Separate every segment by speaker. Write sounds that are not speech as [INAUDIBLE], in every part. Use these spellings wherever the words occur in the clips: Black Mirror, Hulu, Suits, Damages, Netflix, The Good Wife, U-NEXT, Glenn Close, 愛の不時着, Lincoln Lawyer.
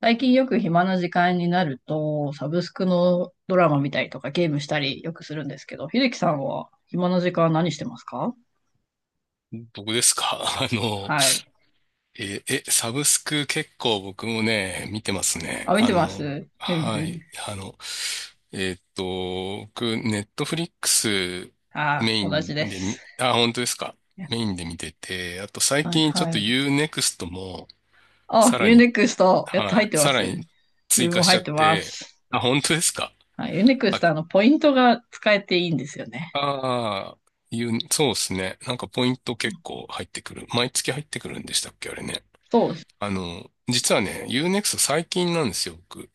Speaker 1: 最近よく暇な時間になると、サブスクのドラマ見たりとかゲームしたりよくするんですけど、秀樹さんは暇な時間何してますか？
Speaker 2: 僕ですか？ [LAUGHS]
Speaker 1: はい。
Speaker 2: サブスク結構僕もね、見てます
Speaker 1: あ、
Speaker 2: ね。
Speaker 1: 見てます？ふんふ
Speaker 2: は
Speaker 1: ん。
Speaker 2: い。僕、ネットフリックス
Speaker 1: あ
Speaker 2: メイ
Speaker 1: ー、同
Speaker 2: ン
Speaker 1: じで
Speaker 2: で
Speaker 1: す。
Speaker 2: み、あ、本当ですか？メインで見てて、あと最
Speaker 1: はい、
Speaker 2: 近ちょっ
Speaker 1: は
Speaker 2: と
Speaker 1: い。
Speaker 2: ユーネクストも
Speaker 1: あ、
Speaker 2: さら
Speaker 1: ユー
Speaker 2: に、
Speaker 1: ネクスト、やっと
Speaker 2: は
Speaker 1: 入っ
Speaker 2: い、
Speaker 1: てま
Speaker 2: さら
Speaker 1: す。
Speaker 2: に追
Speaker 1: 自分
Speaker 2: 加
Speaker 1: も
Speaker 2: し
Speaker 1: 入
Speaker 2: ちゃ
Speaker 1: っ
Speaker 2: っ
Speaker 1: てま
Speaker 2: て、
Speaker 1: す。
Speaker 2: あ、本当ですか？
Speaker 1: はい、ユーネクス
Speaker 2: あ、
Speaker 1: ト、ポイントが使えていいんですよね。
Speaker 2: あー、そうですね。なんかポイント結構入ってくる。毎月入ってくるんでしたっけ、あれね。
Speaker 1: そうです。
Speaker 2: 実はね、ユーネ e クスト最近なんですよ、僕。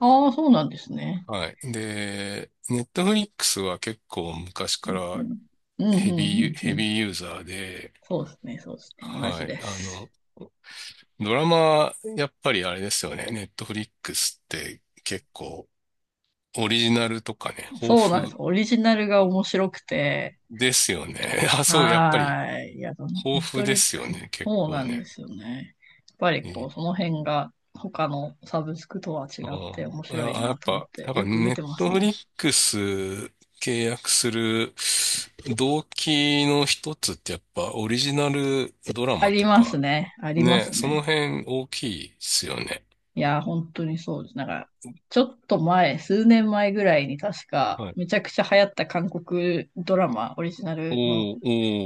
Speaker 1: ああ、そうなんですね。
Speaker 2: はい。で、Netflix は結構昔か
Speaker 1: う
Speaker 2: ら
Speaker 1: ん、うん、
Speaker 2: ヘ
Speaker 1: う
Speaker 2: ビ
Speaker 1: ん、
Speaker 2: ー、
Speaker 1: うん。
Speaker 2: ヘ
Speaker 1: うん、
Speaker 2: ビーユーザーで、
Speaker 1: そうですね、そうですね。同
Speaker 2: は
Speaker 1: じ
Speaker 2: い。
Speaker 1: です。
Speaker 2: ドラマ、やっぱりあれですよね。Netflix って結構オリジナルとかね、豊
Speaker 1: そうなんです。
Speaker 2: 富
Speaker 1: オリジナルが面白くて、
Speaker 2: ですよね。[LAUGHS] あ、そう、やっぱり
Speaker 1: はーい。いや、ネッ
Speaker 2: 豊富
Speaker 1: ト
Speaker 2: で
Speaker 1: リッ
Speaker 2: す
Speaker 1: ク
Speaker 2: よ
Speaker 1: ス、
Speaker 2: ね、結
Speaker 1: そう
Speaker 2: 構
Speaker 1: なんで
Speaker 2: ね。
Speaker 1: すよね。やっぱり
Speaker 2: え
Speaker 1: こ
Speaker 2: ー
Speaker 1: う、その辺が他のサブスクとは違
Speaker 2: あ
Speaker 1: って面白い
Speaker 2: あ、あや
Speaker 1: な
Speaker 2: っ
Speaker 1: と思っ
Speaker 2: ぱ、
Speaker 1: て、
Speaker 2: なんか
Speaker 1: よく見
Speaker 2: ネ
Speaker 1: てま
Speaker 2: ッ
Speaker 1: す
Speaker 2: トフリ
Speaker 1: ね。
Speaker 2: ックス契約する動機の一つってやっぱオリジナルドラ
Speaker 1: あ
Speaker 2: マ
Speaker 1: り
Speaker 2: と
Speaker 1: ます
Speaker 2: か、
Speaker 1: ね。ありま
Speaker 2: ね、
Speaker 1: す
Speaker 2: その
Speaker 1: ね。
Speaker 2: 辺大きいですよね。
Speaker 1: いや、本当にそうです。なんか、ちょっと前、数年前ぐらいに確か、
Speaker 2: はい。
Speaker 1: めちゃくちゃ流行った韓国ドラマ、オリジナルの
Speaker 2: おー、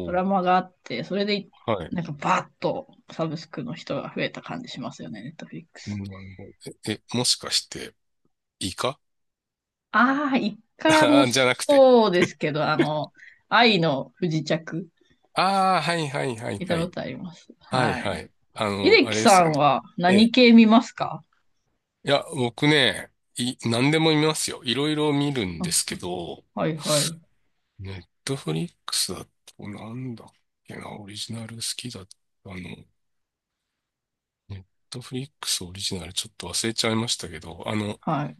Speaker 1: ド
Speaker 2: お
Speaker 1: ラ
Speaker 2: ー、
Speaker 1: マがあって、それで、
Speaker 2: はい。
Speaker 1: なんかバーッとサブスクの人が増えた感じしますよね、ネットフリックス。
Speaker 2: なるほど。もしかして、イカ
Speaker 1: ああ、一
Speaker 2: [LAUGHS]
Speaker 1: 回も。
Speaker 2: じゃなくて。
Speaker 1: そうですけど、愛の不時着、
Speaker 2: ああ、はいはいはい
Speaker 1: 見た
Speaker 2: は
Speaker 1: こ
Speaker 2: い。
Speaker 1: とあります。
Speaker 2: はい
Speaker 1: は
Speaker 2: は
Speaker 1: い。
Speaker 2: い。
Speaker 1: 秀
Speaker 2: あ
Speaker 1: 樹
Speaker 2: れで
Speaker 1: さ
Speaker 2: すよ
Speaker 1: ん
Speaker 2: ね。
Speaker 1: は
Speaker 2: え
Speaker 1: 何
Speaker 2: え。
Speaker 1: 系見ますか？
Speaker 2: いや、僕ね、何でも見ますよ。いろいろ見るんで
Speaker 1: あ、
Speaker 2: すけど、
Speaker 1: はいはい。
Speaker 2: ネットフリックスだと、なんだっけな、オリジナル好きだった。の、ネットフリックスオリジナルちょっと忘れちゃいましたけど、
Speaker 1: はい。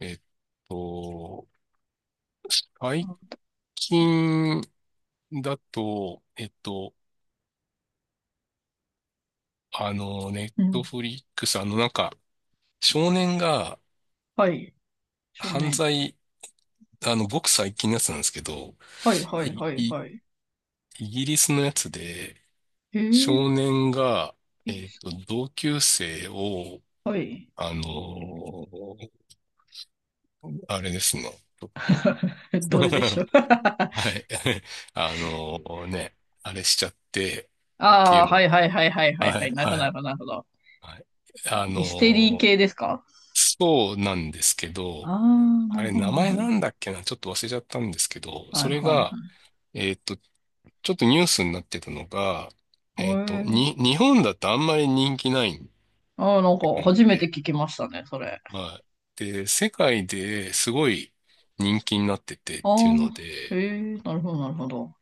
Speaker 2: えっと、最近だと、ネッ
Speaker 1: う
Speaker 2: ト
Speaker 1: ん。
Speaker 2: フリックス、なんか、少年が
Speaker 1: はい。少
Speaker 2: 犯
Speaker 1: 年。
Speaker 2: 罪、ごく最近のやつなんですけど、
Speaker 1: はいはい
Speaker 2: い、
Speaker 1: はい
Speaker 2: い、
Speaker 1: はい。
Speaker 2: イギリスのやつで、
Speaker 1: えー、
Speaker 2: 少年が、
Speaker 1: いいっす。
Speaker 2: 同級生を、
Speaker 1: はい。
Speaker 2: あのあれですね。ちょっと。
Speaker 1: [LAUGHS] ど
Speaker 2: [LAUGHS]
Speaker 1: れでしょう？
Speaker 2: は
Speaker 1: [LAUGHS]
Speaker 2: い。[LAUGHS] あのね、あれしちゃってってい
Speaker 1: ああ、
Speaker 2: う
Speaker 1: は
Speaker 2: の。
Speaker 1: いはいはいはいはい
Speaker 2: は
Speaker 1: はい。
Speaker 2: い、
Speaker 1: なるほど
Speaker 2: は
Speaker 1: なる
Speaker 2: い、
Speaker 1: ほどなるほど。
Speaker 2: はい。あ
Speaker 1: ミステリー
Speaker 2: の
Speaker 1: 系ですか？
Speaker 2: そうなんですけど、
Speaker 1: ああー、
Speaker 2: あ
Speaker 1: なる
Speaker 2: れ
Speaker 1: ほど
Speaker 2: 名
Speaker 1: なる
Speaker 2: 前
Speaker 1: ほど。
Speaker 2: なんだっけな、ちょっと忘れちゃったんですけど、
Speaker 1: は
Speaker 2: そ
Speaker 1: い
Speaker 2: れ
Speaker 1: はいは
Speaker 2: が、
Speaker 1: い。
Speaker 2: えっと、ちょっとニュースになってたのが、
Speaker 1: えー、
Speaker 2: 日本だとあんまり人気ないっ
Speaker 1: ああ、なん
Speaker 2: て
Speaker 1: か
Speaker 2: 感じ
Speaker 1: 初めて
Speaker 2: で、
Speaker 1: 聞きましたね、それ。
Speaker 2: はい。で、世界ですごい人気になってて
Speaker 1: あ
Speaker 2: っていうの
Speaker 1: あ、へ
Speaker 2: で、
Speaker 1: え、なるほど、なるほど。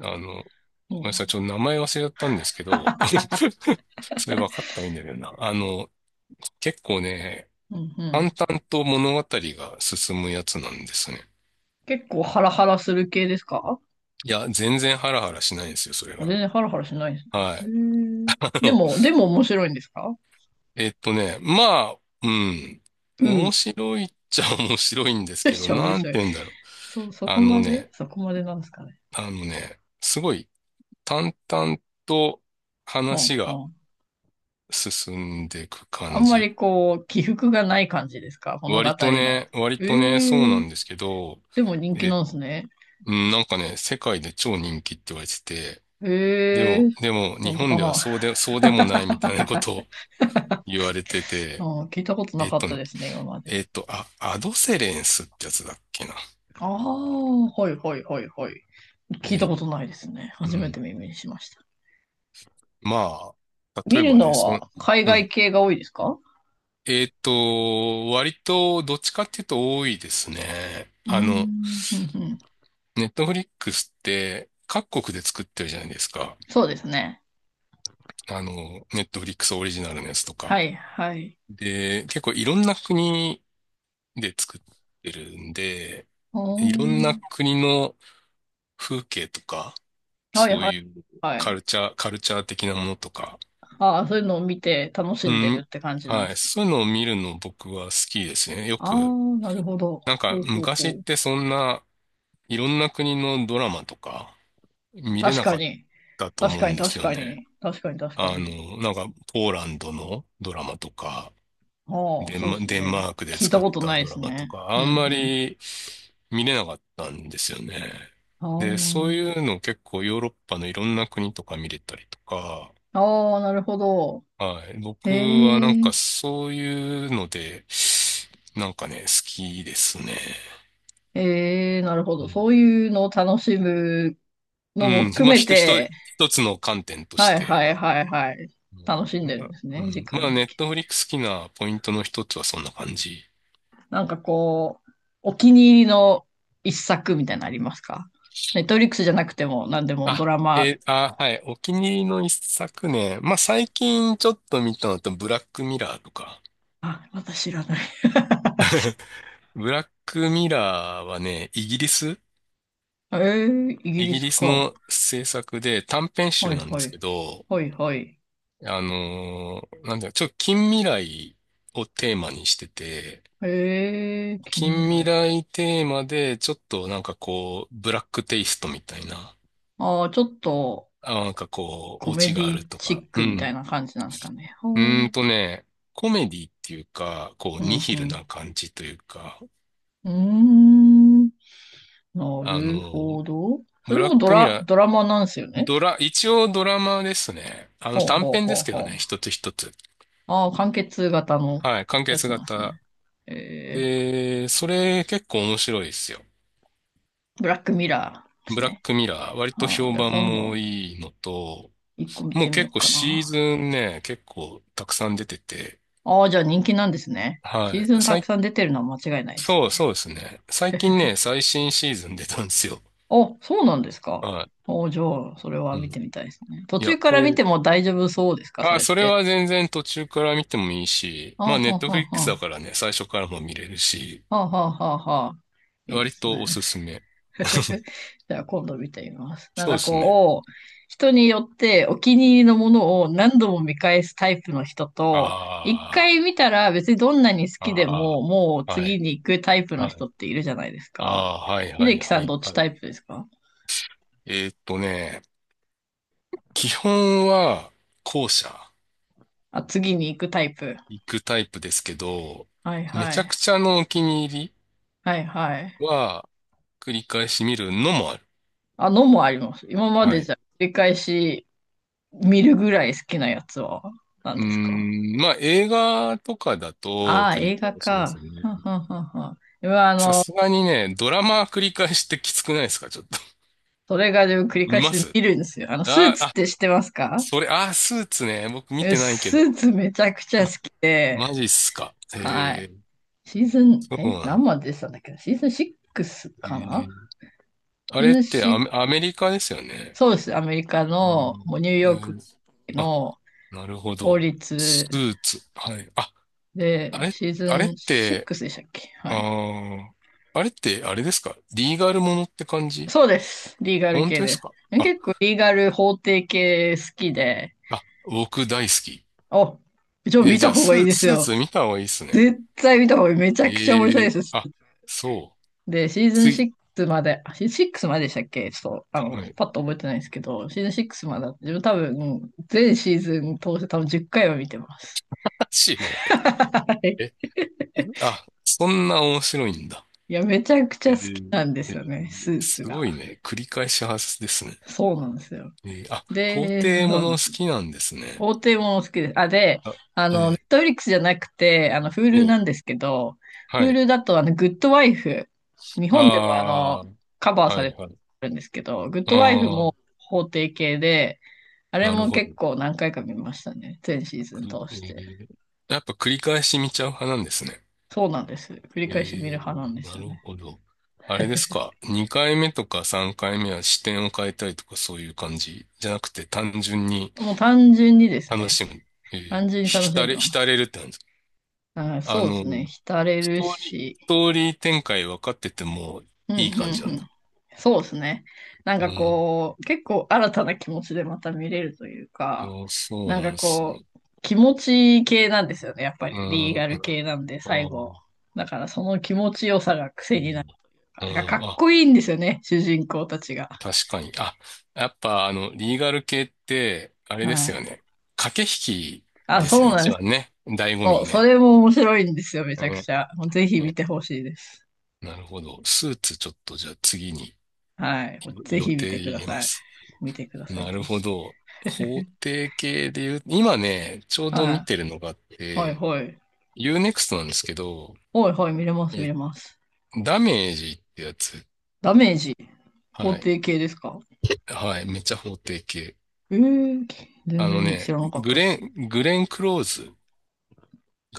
Speaker 2: あの
Speaker 1: そう
Speaker 2: ごめんな
Speaker 1: な
Speaker 2: さい。
Speaker 1: ん
Speaker 2: ちょっと
Speaker 1: だ。
Speaker 2: 名前忘れちゃったんですけど、[LAUGHS] それ分かった方がいいんだけどな。結構ね、
Speaker 1: うん、う
Speaker 2: 淡
Speaker 1: ん。
Speaker 2: 々と物語が進むやつなんですね。
Speaker 1: 結構ハラハラする系ですか？
Speaker 2: いや、全然ハラハラしないんですよ、それ
Speaker 1: あ、
Speaker 2: が。
Speaker 1: 全然ハラハラしないです
Speaker 2: はい。
Speaker 1: ね。へえ、
Speaker 2: [LAUGHS] あ
Speaker 1: で
Speaker 2: の、
Speaker 1: も、でも面白いんですか？
Speaker 2: まあ、うん。
Speaker 1: うん。
Speaker 2: 面白いっちゃ面白いんです
Speaker 1: めっ
Speaker 2: けど、
Speaker 1: ちゃ面
Speaker 2: なん
Speaker 1: 白い。
Speaker 2: て言うんだろう。
Speaker 1: そう、そ
Speaker 2: あ
Speaker 1: こ
Speaker 2: の
Speaker 1: まで
Speaker 2: ね、
Speaker 1: そこまでなんですかね。
Speaker 2: あのね、すごい淡々と
Speaker 1: は
Speaker 2: 話
Speaker 1: あ、
Speaker 2: が
Speaker 1: は
Speaker 2: 進んでいく
Speaker 1: あ。あ
Speaker 2: 感
Speaker 1: んま
Speaker 2: じ。
Speaker 1: りこう、起伏がない感じですか、物語
Speaker 2: 割と
Speaker 1: の。
Speaker 2: ね、割
Speaker 1: え
Speaker 2: とね、そうな
Speaker 1: え、
Speaker 2: んですけど、
Speaker 1: でも人気
Speaker 2: えっ
Speaker 1: なんですね。
Speaker 2: うん、なんかね、世界で超人気って言われてて、で
Speaker 1: え
Speaker 2: も、
Speaker 1: え、
Speaker 2: でも、日
Speaker 1: 本当
Speaker 2: 本
Speaker 1: か
Speaker 2: では
Speaker 1: な。
Speaker 2: そうでもないみたいなことを [LAUGHS] 言われて
Speaker 1: う
Speaker 2: て、
Speaker 1: ん、聞いたことな
Speaker 2: えっ
Speaker 1: かっ
Speaker 2: と
Speaker 1: た
Speaker 2: ね、
Speaker 1: ですね、今まで。
Speaker 2: えっと、あ、アドセレンスってやつだっけな。
Speaker 1: ああ、はいはいはいはい。
Speaker 2: え
Speaker 1: 聞いた
Speaker 2: ー、
Speaker 1: ことないですね。
Speaker 2: う
Speaker 1: 初め
Speaker 2: ん。
Speaker 1: て耳にしました。
Speaker 2: まあ、例
Speaker 1: 見
Speaker 2: え
Speaker 1: る
Speaker 2: ばね、
Speaker 1: のは海
Speaker 2: う
Speaker 1: 外
Speaker 2: ん。
Speaker 1: 系が多いですか？
Speaker 2: 割と、どっちかっていうと多いですね。
Speaker 1: うーん、うん、うん。
Speaker 2: ネットフリックスって、各国で作ってるじゃないですか。
Speaker 1: そうですね。
Speaker 2: ネットフリックスオリジナルのやつと
Speaker 1: は
Speaker 2: か。
Speaker 1: い、はい。
Speaker 2: で、結構いろんな国で作ってるんで、
Speaker 1: お
Speaker 2: いろんな
Speaker 1: ー、
Speaker 2: 国の風景とか、
Speaker 1: はい、
Speaker 2: そう
Speaker 1: はい、
Speaker 2: いう
Speaker 1: は
Speaker 2: カ
Speaker 1: い。
Speaker 2: ルチャー、カルチャー的なものとか、
Speaker 1: ああ、そういうのを見て楽し
Speaker 2: う
Speaker 1: んでる
Speaker 2: ん、
Speaker 1: って感じなんで
Speaker 2: は
Speaker 1: す
Speaker 2: い、
Speaker 1: か。
Speaker 2: そういうのを見るの僕は好きですね。よ
Speaker 1: あ
Speaker 2: く、
Speaker 1: あ、なるほど。
Speaker 2: なんか
Speaker 1: ほうほう
Speaker 2: 昔
Speaker 1: ほ
Speaker 2: っ
Speaker 1: う。
Speaker 2: てそんないろんな国のドラマとか見れ
Speaker 1: 確
Speaker 2: な
Speaker 1: か
Speaker 2: かっ
Speaker 1: に。
Speaker 2: たと
Speaker 1: 確
Speaker 2: 思う
Speaker 1: かに、
Speaker 2: んで
Speaker 1: 確
Speaker 2: すよ
Speaker 1: か
Speaker 2: ね。
Speaker 1: に。確かに、確かに。
Speaker 2: なんかポーランドのドラマとか、
Speaker 1: ああ、そうです
Speaker 2: デン
Speaker 1: ね。
Speaker 2: マークで
Speaker 1: 聞いた
Speaker 2: 作っ
Speaker 1: こと
Speaker 2: た
Speaker 1: ないで
Speaker 2: ドラ
Speaker 1: す
Speaker 2: マと
Speaker 1: ね。
Speaker 2: か、
Speaker 1: う
Speaker 2: あ
Speaker 1: ん、
Speaker 2: んま
Speaker 1: う
Speaker 2: り見れなかったんですよね。で、そうい
Speaker 1: ん。
Speaker 2: うの結構ヨーロッパのいろんな国とか見れたりとか、
Speaker 1: ああ、ああ、なるほど。
Speaker 2: はい。
Speaker 1: へ
Speaker 2: 僕はなんか
Speaker 1: え。
Speaker 2: そういうので、なんかね、好きですね。
Speaker 1: ええ、なるほ
Speaker 2: う
Speaker 1: ど。
Speaker 2: ん。
Speaker 1: そういうのを楽しむ
Speaker 2: う
Speaker 1: のも
Speaker 2: ん。
Speaker 1: 含
Speaker 2: まあ、
Speaker 1: め
Speaker 2: ひと、ひと
Speaker 1: て、
Speaker 2: 一つの観点とし
Speaker 1: はいは
Speaker 2: て。
Speaker 1: いはいはい。楽しん
Speaker 2: うん、
Speaker 1: でる
Speaker 2: な
Speaker 1: んです
Speaker 2: う
Speaker 1: ね、時
Speaker 2: んまあ、
Speaker 1: 間
Speaker 2: ネ
Speaker 1: 的
Speaker 2: ッ
Speaker 1: に。
Speaker 2: トフリックス好きなポイントの一つはそんな感じ
Speaker 1: なんかこう、お気に入りの一作みたいなのありますか？ネットフリックスじゃなくても何でもド
Speaker 2: あ、
Speaker 1: ラマ、
Speaker 2: はい。お気に入りの一作ねまあ、最近ちょっと見たのと、ブラックミラーとか。
Speaker 1: あ、私知らない。
Speaker 2: [LAUGHS] ブラックミラーはね、イギリス
Speaker 1: ええ、イギ
Speaker 2: イ
Speaker 1: リ
Speaker 2: ギ
Speaker 1: ス
Speaker 2: リス
Speaker 1: か。
Speaker 2: の制作で短編
Speaker 1: は
Speaker 2: 集
Speaker 1: い
Speaker 2: なんで
Speaker 1: は
Speaker 2: すけ
Speaker 1: い。
Speaker 2: ど、
Speaker 1: はいはい。
Speaker 2: なんだよ、ちょっと近未来をテーマにしてて、
Speaker 1: ええ、近未
Speaker 2: 近未
Speaker 1: 来。
Speaker 2: 来テーマでちょっとなんかこう、ブラックテイストみたいな、
Speaker 1: ああ、ちょっと
Speaker 2: あ、なんかこ
Speaker 1: コ
Speaker 2: う、オ
Speaker 1: メ
Speaker 2: チ
Speaker 1: デ
Speaker 2: があ
Speaker 1: ィ
Speaker 2: ると
Speaker 1: チ
Speaker 2: か、
Speaker 1: ッ
Speaker 2: う
Speaker 1: クみたい
Speaker 2: ん。
Speaker 1: な感じなんですかね。
Speaker 2: うー
Speaker 1: ほ
Speaker 2: ん
Speaker 1: う、
Speaker 2: とね、コメディっていうか、こう、
Speaker 1: う
Speaker 2: ニ
Speaker 1: ん
Speaker 2: ヒ
Speaker 1: う
Speaker 2: ルな
Speaker 1: ん。
Speaker 2: 感じというか、
Speaker 1: うーん。な
Speaker 2: あ
Speaker 1: るほ
Speaker 2: の、
Speaker 1: ど。そ
Speaker 2: ブ
Speaker 1: れ
Speaker 2: ラッ
Speaker 1: も
Speaker 2: クミラー、
Speaker 1: ドラマなんですよね。
Speaker 2: 一応ドラマですね。
Speaker 1: ほう
Speaker 2: 短
Speaker 1: ほう
Speaker 2: 編で
Speaker 1: ほう
Speaker 2: すけど
Speaker 1: ほう。
Speaker 2: ね、一つ一つ。
Speaker 1: ああ、完結型の
Speaker 2: はい、完
Speaker 1: やつ
Speaker 2: 結
Speaker 1: なんです
Speaker 2: 型。
Speaker 1: ね。え
Speaker 2: で、それ結構面白いですよ。
Speaker 1: ー、ブラックミラーです
Speaker 2: ブラッ
Speaker 1: ね。
Speaker 2: クミラー、割と
Speaker 1: ああ、
Speaker 2: 評
Speaker 1: じゃあ
Speaker 2: 判
Speaker 1: 今
Speaker 2: も
Speaker 1: 度、
Speaker 2: いいのと、
Speaker 1: 一個見
Speaker 2: も
Speaker 1: て
Speaker 2: う
Speaker 1: みよ
Speaker 2: 結
Speaker 1: う
Speaker 2: 構
Speaker 1: か
Speaker 2: シー
Speaker 1: な。
Speaker 2: ズンね、結構たくさん出てて、
Speaker 1: ああ、じゃあ人気なんですね。シ
Speaker 2: は
Speaker 1: ーズ
Speaker 2: い、
Speaker 1: ンたくさん出てるのは間違いないですね。
Speaker 2: そうですね。最近ね、最新シーズン出たんですよ。
Speaker 1: あ、そうなんですか。
Speaker 2: は
Speaker 1: お、じゃあ、それは
Speaker 2: い。う
Speaker 1: 見て
Speaker 2: ん
Speaker 1: みたいですね。途
Speaker 2: いや、
Speaker 1: 中か
Speaker 2: こ
Speaker 1: ら見
Speaker 2: れ、
Speaker 1: ても大丈夫そうですか、そ
Speaker 2: あ、
Speaker 1: れっ
Speaker 2: それ
Speaker 1: て。
Speaker 2: は全然途中から見てもいいし、
Speaker 1: あ
Speaker 2: まあ
Speaker 1: あ、
Speaker 2: ネ
Speaker 1: は
Speaker 2: ッ
Speaker 1: あ
Speaker 2: ト
Speaker 1: は
Speaker 2: フ
Speaker 1: あ
Speaker 2: リ
Speaker 1: は
Speaker 2: ックスだ
Speaker 1: あ。
Speaker 2: からね、最初からも見れるし、
Speaker 1: はあはあはあはあ。いいで
Speaker 2: 割
Speaker 1: す
Speaker 2: と
Speaker 1: ね。
Speaker 2: おすすめ。
Speaker 1: [LAUGHS] じゃあ今度見てみます。なん
Speaker 2: そうで
Speaker 1: か
Speaker 2: すね。
Speaker 1: こう、人によってお気に入りのものを何度も見返すタイプの人と、一
Speaker 2: あ
Speaker 1: 回見たら別にどんなに好
Speaker 2: あ、
Speaker 1: きで
Speaker 2: あ
Speaker 1: ももう
Speaker 2: あ、は
Speaker 1: 次
Speaker 2: い、
Speaker 1: に行くタイプの
Speaker 2: は
Speaker 1: 人
Speaker 2: い、
Speaker 1: っているじゃないです
Speaker 2: あ
Speaker 1: か。
Speaker 2: あ、はい、は
Speaker 1: 秀
Speaker 2: い、
Speaker 1: 樹さ
Speaker 2: は
Speaker 1: ん
Speaker 2: い、
Speaker 1: どっち
Speaker 2: は
Speaker 1: タ
Speaker 2: い。
Speaker 1: イプですか？
Speaker 2: えーっとね、基本は後者
Speaker 1: あ、次に行くタイプ。
Speaker 2: 行くタイプですけど、
Speaker 1: はい
Speaker 2: め
Speaker 1: は
Speaker 2: ちゃく
Speaker 1: い。
Speaker 2: ちゃのお気に入り
Speaker 1: はいはい。
Speaker 2: は繰り返し見るのもある。
Speaker 1: あのもあります。今ま
Speaker 2: は
Speaker 1: でじ
Speaker 2: い。
Speaker 1: ゃ繰り返し見るぐらい好きなやつは何ですか？
Speaker 2: まあ映画とかだと
Speaker 1: ああー、
Speaker 2: 繰り
Speaker 1: 映画
Speaker 2: 返しで
Speaker 1: か。
Speaker 2: すね。
Speaker 1: はんはんはんはん。今
Speaker 2: さすがにね、ドラマ繰り返してきつくないですか？ちょっと。
Speaker 1: それがでも繰り
Speaker 2: 見
Speaker 1: 返し
Speaker 2: ま
Speaker 1: で
Speaker 2: す。
Speaker 1: 見るんですよ。スー
Speaker 2: あー、
Speaker 1: ツっ
Speaker 2: あ、
Speaker 1: て知ってますか？
Speaker 2: それ、スーツね。僕見
Speaker 1: え、
Speaker 2: てないけ
Speaker 1: スー
Speaker 2: ど。
Speaker 1: ツめちゃくちゃ好
Speaker 2: あ、
Speaker 1: きで、
Speaker 2: マジっすか？
Speaker 1: はい。
Speaker 2: へー、
Speaker 1: シーズン、
Speaker 2: そう
Speaker 1: え、
Speaker 2: なん
Speaker 1: 何
Speaker 2: だ。
Speaker 1: まで出てたんだっけな、シーズン6
Speaker 2: え
Speaker 1: かな。
Speaker 2: ーあ
Speaker 1: シー
Speaker 2: れっ
Speaker 1: ズン
Speaker 2: て
Speaker 1: シック
Speaker 2: ア
Speaker 1: ス。
Speaker 2: メリカですよね？
Speaker 1: そうです。アメリカ
Speaker 2: う
Speaker 1: の、
Speaker 2: ん。
Speaker 1: もうニューヨーク
Speaker 2: あ、
Speaker 1: の
Speaker 2: なるほ
Speaker 1: 法
Speaker 2: ど。
Speaker 1: 律
Speaker 2: スーツ。はい。あ、あ
Speaker 1: で、
Speaker 2: れ、
Speaker 1: シーズ
Speaker 2: あれ
Speaker 1: ン
Speaker 2: って、
Speaker 1: 6でしたっけ？
Speaker 2: あ
Speaker 1: はい。
Speaker 2: ー、あれって、あれですか？リーガルものって感じ？
Speaker 1: そうです。リーガル
Speaker 2: 本
Speaker 1: 系
Speaker 2: 当です
Speaker 1: で。
Speaker 2: か？
Speaker 1: え、
Speaker 2: あ、
Speaker 1: 結構リーガル法廷系好きで、
Speaker 2: 僕大好き。
Speaker 1: お、ちょ、見
Speaker 2: じ
Speaker 1: た
Speaker 2: ゃあ、
Speaker 1: 方がいいです
Speaker 2: スー
Speaker 1: よ。
Speaker 2: ツ見た方がいいっすね。
Speaker 1: 絶対見た方がいい。めちゃくちゃ面白
Speaker 2: え
Speaker 1: い
Speaker 2: え
Speaker 1: です。
Speaker 2: あ、そう。
Speaker 1: で、シー
Speaker 2: つ
Speaker 1: ズ
Speaker 2: い、
Speaker 1: ン6まで、シーズン6まででしたっけ、ちょっと、
Speaker 2: はい。
Speaker 1: パッと覚えてないんですけど、シーズン6までスまで自分多分、全シーズン通して多分10回は見てます。
Speaker 2: マジで。
Speaker 1: [LAUGHS] はい。
Speaker 2: え、そんな面白いんだ。
Speaker 1: いや、めちゃくち
Speaker 2: え
Speaker 1: ゃ好き
Speaker 2: ー
Speaker 1: なんで
Speaker 2: え
Speaker 1: すよ
Speaker 2: ー
Speaker 1: ね、スーツ
Speaker 2: す
Speaker 1: が。
Speaker 2: ごいね。繰り返し派ですね。
Speaker 1: そうなんですよ。
Speaker 2: 法
Speaker 1: で、
Speaker 2: 廷も
Speaker 1: そう
Speaker 2: の
Speaker 1: なんです
Speaker 2: 好
Speaker 1: よ。
Speaker 2: きなんですね。
Speaker 1: 法廷もの好きです。あ、で、
Speaker 2: あ、
Speaker 1: ネッ
Speaker 2: え
Speaker 1: トフリックスじゃなくて、
Speaker 2: ー
Speaker 1: Hulu
Speaker 2: え
Speaker 1: なん
Speaker 2: ー
Speaker 1: ですけど、
Speaker 2: はい。
Speaker 1: Hulu だと、グッドワイフ、日
Speaker 2: あ
Speaker 1: 本でも
Speaker 2: あ、
Speaker 1: カバーさ
Speaker 2: は
Speaker 1: れ
Speaker 2: い、
Speaker 1: て
Speaker 2: はい。
Speaker 1: るんですけど、グッドワイフ
Speaker 2: ああ、
Speaker 1: も法廷系で、あれ
Speaker 2: なる
Speaker 1: も
Speaker 2: ほ
Speaker 1: 結
Speaker 2: ど。
Speaker 1: 構何回か見ましたね。全シーズ
Speaker 2: く
Speaker 1: ン通
Speaker 2: え
Speaker 1: して。
Speaker 2: ーやっぱ繰り返し見ちゃう派なんですね。
Speaker 1: そうなんです。繰り
Speaker 2: え
Speaker 1: 返し見
Speaker 2: え、
Speaker 1: る派なんです
Speaker 2: な
Speaker 1: よ
Speaker 2: る
Speaker 1: ね。
Speaker 2: ほど。あれですか？2回目とか3回目は視点を変えたりとかそういう感じじゃなくて単純に
Speaker 1: もう単純にです
Speaker 2: 楽
Speaker 1: ね。
Speaker 2: しむ。え
Speaker 1: 単
Speaker 2: え、
Speaker 1: 純に楽しんでます。
Speaker 2: 浸れるって感じですか？
Speaker 1: あ、
Speaker 2: あ
Speaker 1: そうで
Speaker 2: の、
Speaker 1: すね。浸れ
Speaker 2: ス
Speaker 1: る
Speaker 2: トーリー、
Speaker 1: し。
Speaker 2: ストーリー展開分かってても
Speaker 1: うん、う
Speaker 2: いい
Speaker 1: ん、
Speaker 2: 感じな
Speaker 1: う
Speaker 2: んだ。
Speaker 1: ん。そうですね。なん
Speaker 2: う
Speaker 1: か
Speaker 2: ん。
Speaker 1: こう、結構新たな気持ちでまた見れるというか、
Speaker 2: そうそう
Speaker 1: なん
Speaker 2: なん
Speaker 1: か
Speaker 2: です
Speaker 1: こ
Speaker 2: ね。
Speaker 1: う、気持ち系なんですよね。やっぱ
Speaker 2: う
Speaker 1: りリーガ
Speaker 2: ん。
Speaker 1: ル
Speaker 2: あ、
Speaker 1: 系なんで、最
Speaker 2: う
Speaker 1: 後。
Speaker 2: ん。
Speaker 1: だからその気持ちよさが癖になる。
Speaker 2: う
Speaker 1: なんかか
Speaker 2: ん
Speaker 1: っ
Speaker 2: あ、
Speaker 1: こいいんですよね。主人公たちが。
Speaker 2: 確かに。やっぱリーガル系って、あれ
Speaker 1: は
Speaker 2: ですよ
Speaker 1: い。
Speaker 2: ね。駆け引き
Speaker 1: あ、
Speaker 2: ですよ
Speaker 1: そう
Speaker 2: ね。
Speaker 1: なん
Speaker 2: 一
Speaker 1: です。
Speaker 2: 番ね。醍醐
Speaker 1: そう、
Speaker 2: 味
Speaker 1: そ
Speaker 2: ね。
Speaker 1: れも面白いんですよ、めちゃく
Speaker 2: ね、
Speaker 1: ちゃ。もうぜひ見
Speaker 2: ね。
Speaker 1: てほしいです。
Speaker 2: なるほど。スーツちょっとじゃあ次に
Speaker 1: はい。もうぜ
Speaker 2: 予
Speaker 1: ひ見
Speaker 2: 定
Speaker 1: てく
Speaker 2: 入
Speaker 1: だ
Speaker 2: れま
Speaker 1: さい。
Speaker 2: す。
Speaker 1: 見てください、
Speaker 2: なる
Speaker 1: ぜ
Speaker 2: ほ
Speaker 1: ひ。
Speaker 2: ど。法定系で言う、今ね、ちょうど見
Speaker 1: は
Speaker 2: てるのがあっ
Speaker 1: い。はい、
Speaker 2: て、
Speaker 1: はい。
Speaker 2: Unext なんですけど、
Speaker 1: はい、はい、見れます、見
Speaker 2: え、
Speaker 1: れます。
Speaker 2: ダメージってやつ。
Speaker 1: ダメージ、法
Speaker 2: はい。
Speaker 1: 定系ですか？
Speaker 2: はい。めっちゃ法定系。
Speaker 1: えー、全
Speaker 2: あの
Speaker 1: 然知
Speaker 2: ね、
Speaker 1: らなかっ
Speaker 2: グ
Speaker 1: たで
Speaker 2: レ
Speaker 1: す。
Speaker 2: ン、グレン・クローズ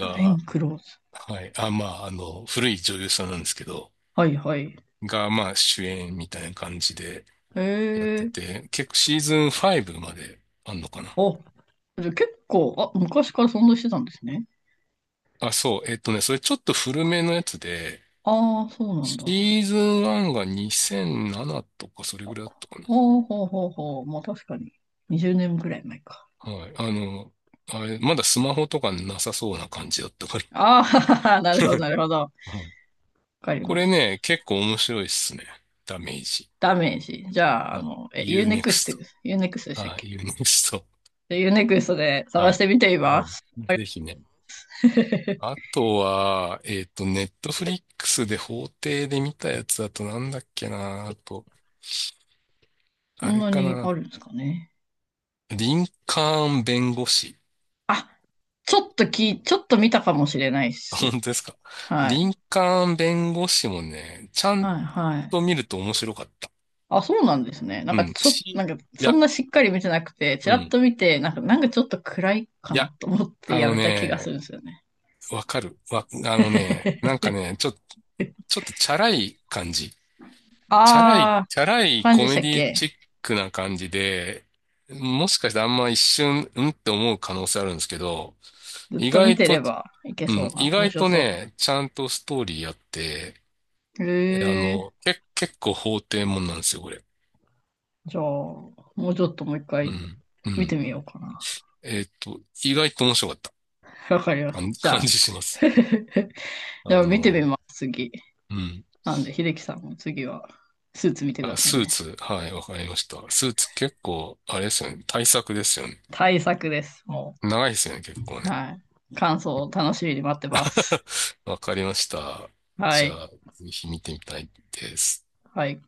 Speaker 1: グレン・クローズ。
Speaker 2: はい。あ、まあ、古い女優さんなんですけど、
Speaker 1: はい、はい。
Speaker 2: が、まあ、主演みたいな感じで
Speaker 1: え
Speaker 2: やって
Speaker 1: ー、
Speaker 2: て、結構シーズン5まであんのかな。
Speaker 1: あ、じゃあ結構、あ、昔からそんなしてたんですね。
Speaker 2: あ、そう。それちょっと古めのやつで、
Speaker 1: ああ、そうなん
Speaker 2: シ
Speaker 1: だ。
Speaker 2: ーズン1が2007とかそれぐらいだったかな。
Speaker 1: ほうほうほうほう。まあ確かに。20年ぐらい前か。
Speaker 2: はい。あれ、まだスマホとかなさそうな感じだったから。
Speaker 1: ああ、[LAUGHS] なるほど、なるほど。
Speaker 2: はい。
Speaker 1: かり
Speaker 2: こ
Speaker 1: ま
Speaker 2: れ
Speaker 1: した。
Speaker 2: ね、結構面白いっすね。ダメージ。
Speaker 1: ダメージ。じゃあ、
Speaker 2: は
Speaker 1: え、
Speaker 2: い。
Speaker 1: Unext、u ネ、
Speaker 2: U-NEXT。
Speaker 1: e、 x、 t でしたっ
Speaker 2: は
Speaker 1: け？
Speaker 2: い。u ネクスト。
Speaker 1: でユーネクストで探
Speaker 2: は
Speaker 1: し
Speaker 2: い。
Speaker 1: てみてい
Speaker 2: は
Speaker 1: ま
Speaker 2: い。
Speaker 1: す。あれ、
Speaker 2: ぜひね。あ
Speaker 1: [LAUGHS]
Speaker 2: とは、ネットフリックスで法廷で見たやつだとなんだっけな。あと、
Speaker 1: そ
Speaker 2: あ
Speaker 1: ん
Speaker 2: れ
Speaker 1: な
Speaker 2: か
Speaker 1: にあ
Speaker 2: な。
Speaker 1: るんですかね。
Speaker 2: リンカーン弁護士。
Speaker 1: あ、ちょっとき、ちょっと見たかもしれないっす。
Speaker 2: 本当ですか？
Speaker 1: はい。
Speaker 2: 林間弁護士もね、ちゃん
Speaker 1: はい、はい。
Speaker 2: と見ると面白かった。
Speaker 1: あ、そうなんですね。なん
Speaker 2: う
Speaker 1: か
Speaker 2: ん。
Speaker 1: ちょ、なんか
Speaker 2: い
Speaker 1: そ
Speaker 2: や、
Speaker 1: んなしっかり見てなくて、ち
Speaker 2: う
Speaker 1: らっ
Speaker 2: ん。
Speaker 1: と見て、なんか、なんかちょっと暗いか
Speaker 2: いや、
Speaker 1: なと思って
Speaker 2: あ
Speaker 1: や
Speaker 2: の
Speaker 1: めた気がす
Speaker 2: ね、
Speaker 1: るんですよね。
Speaker 2: わかる。あのね、なんかね、ちょっとチャラい感じ。チャラい、
Speaker 1: あ
Speaker 2: チャラ
Speaker 1: ー、
Speaker 2: い
Speaker 1: 感じ
Speaker 2: コ
Speaker 1: でし
Speaker 2: メ
Speaker 1: たっ
Speaker 2: ディ
Speaker 1: け？
Speaker 2: チックな感じで、もしかしてあんま一瞬、うんって思う可能性あるんですけど、
Speaker 1: ずっ
Speaker 2: 意
Speaker 1: と見
Speaker 2: 外
Speaker 1: てれ
Speaker 2: と、
Speaker 1: ばいけ
Speaker 2: うん、
Speaker 1: そうな、
Speaker 2: 意
Speaker 1: 面
Speaker 2: 外
Speaker 1: 白
Speaker 2: と
Speaker 1: そうな。
Speaker 2: ね、ちゃんとストーリーあって、
Speaker 1: へ
Speaker 2: えあ
Speaker 1: ー。
Speaker 2: の、け、結構法廷もんなんですよ、これ。
Speaker 1: じゃあ、もうちょっともう一
Speaker 2: う
Speaker 1: 回
Speaker 2: ん。う
Speaker 1: 見て
Speaker 2: ん。
Speaker 1: みようかな。
Speaker 2: 意外と面白かった
Speaker 1: わかりました。
Speaker 2: [LAUGHS]
Speaker 1: じ
Speaker 2: 感
Speaker 1: ゃ
Speaker 2: じ
Speaker 1: あ、
Speaker 2: します。
Speaker 1: [LAUGHS] じゃ
Speaker 2: あ
Speaker 1: あ見て
Speaker 2: の、
Speaker 1: みます、次。
Speaker 2: うん。
Speaker 1: なんで、秀樹さんも次はスーツ見てく
Speaker 2: あ、
Speaker 1: ださ
Speaker 2: ス
Speaker 1: い
Speaker 2: ー
Speaker 1: ね。
Speaker 2: ツ、はい、わかりました。スーツ結構、あれですよね。対策ですよね。
Speaker 1: 大作です、も
Speaker 2: 長いですよね、結構
Speaker 1: う。
Speaker 2: ね。
Speaker 1: はい。感想を楽しみに待ってます。
Speaker 2: わかりました。
Speaker 1: は
Speaker 2: じゃ
Speaker 1: い。
Speaker 2: あ、ぜひ見てみたいです。
Speaker 1: はい。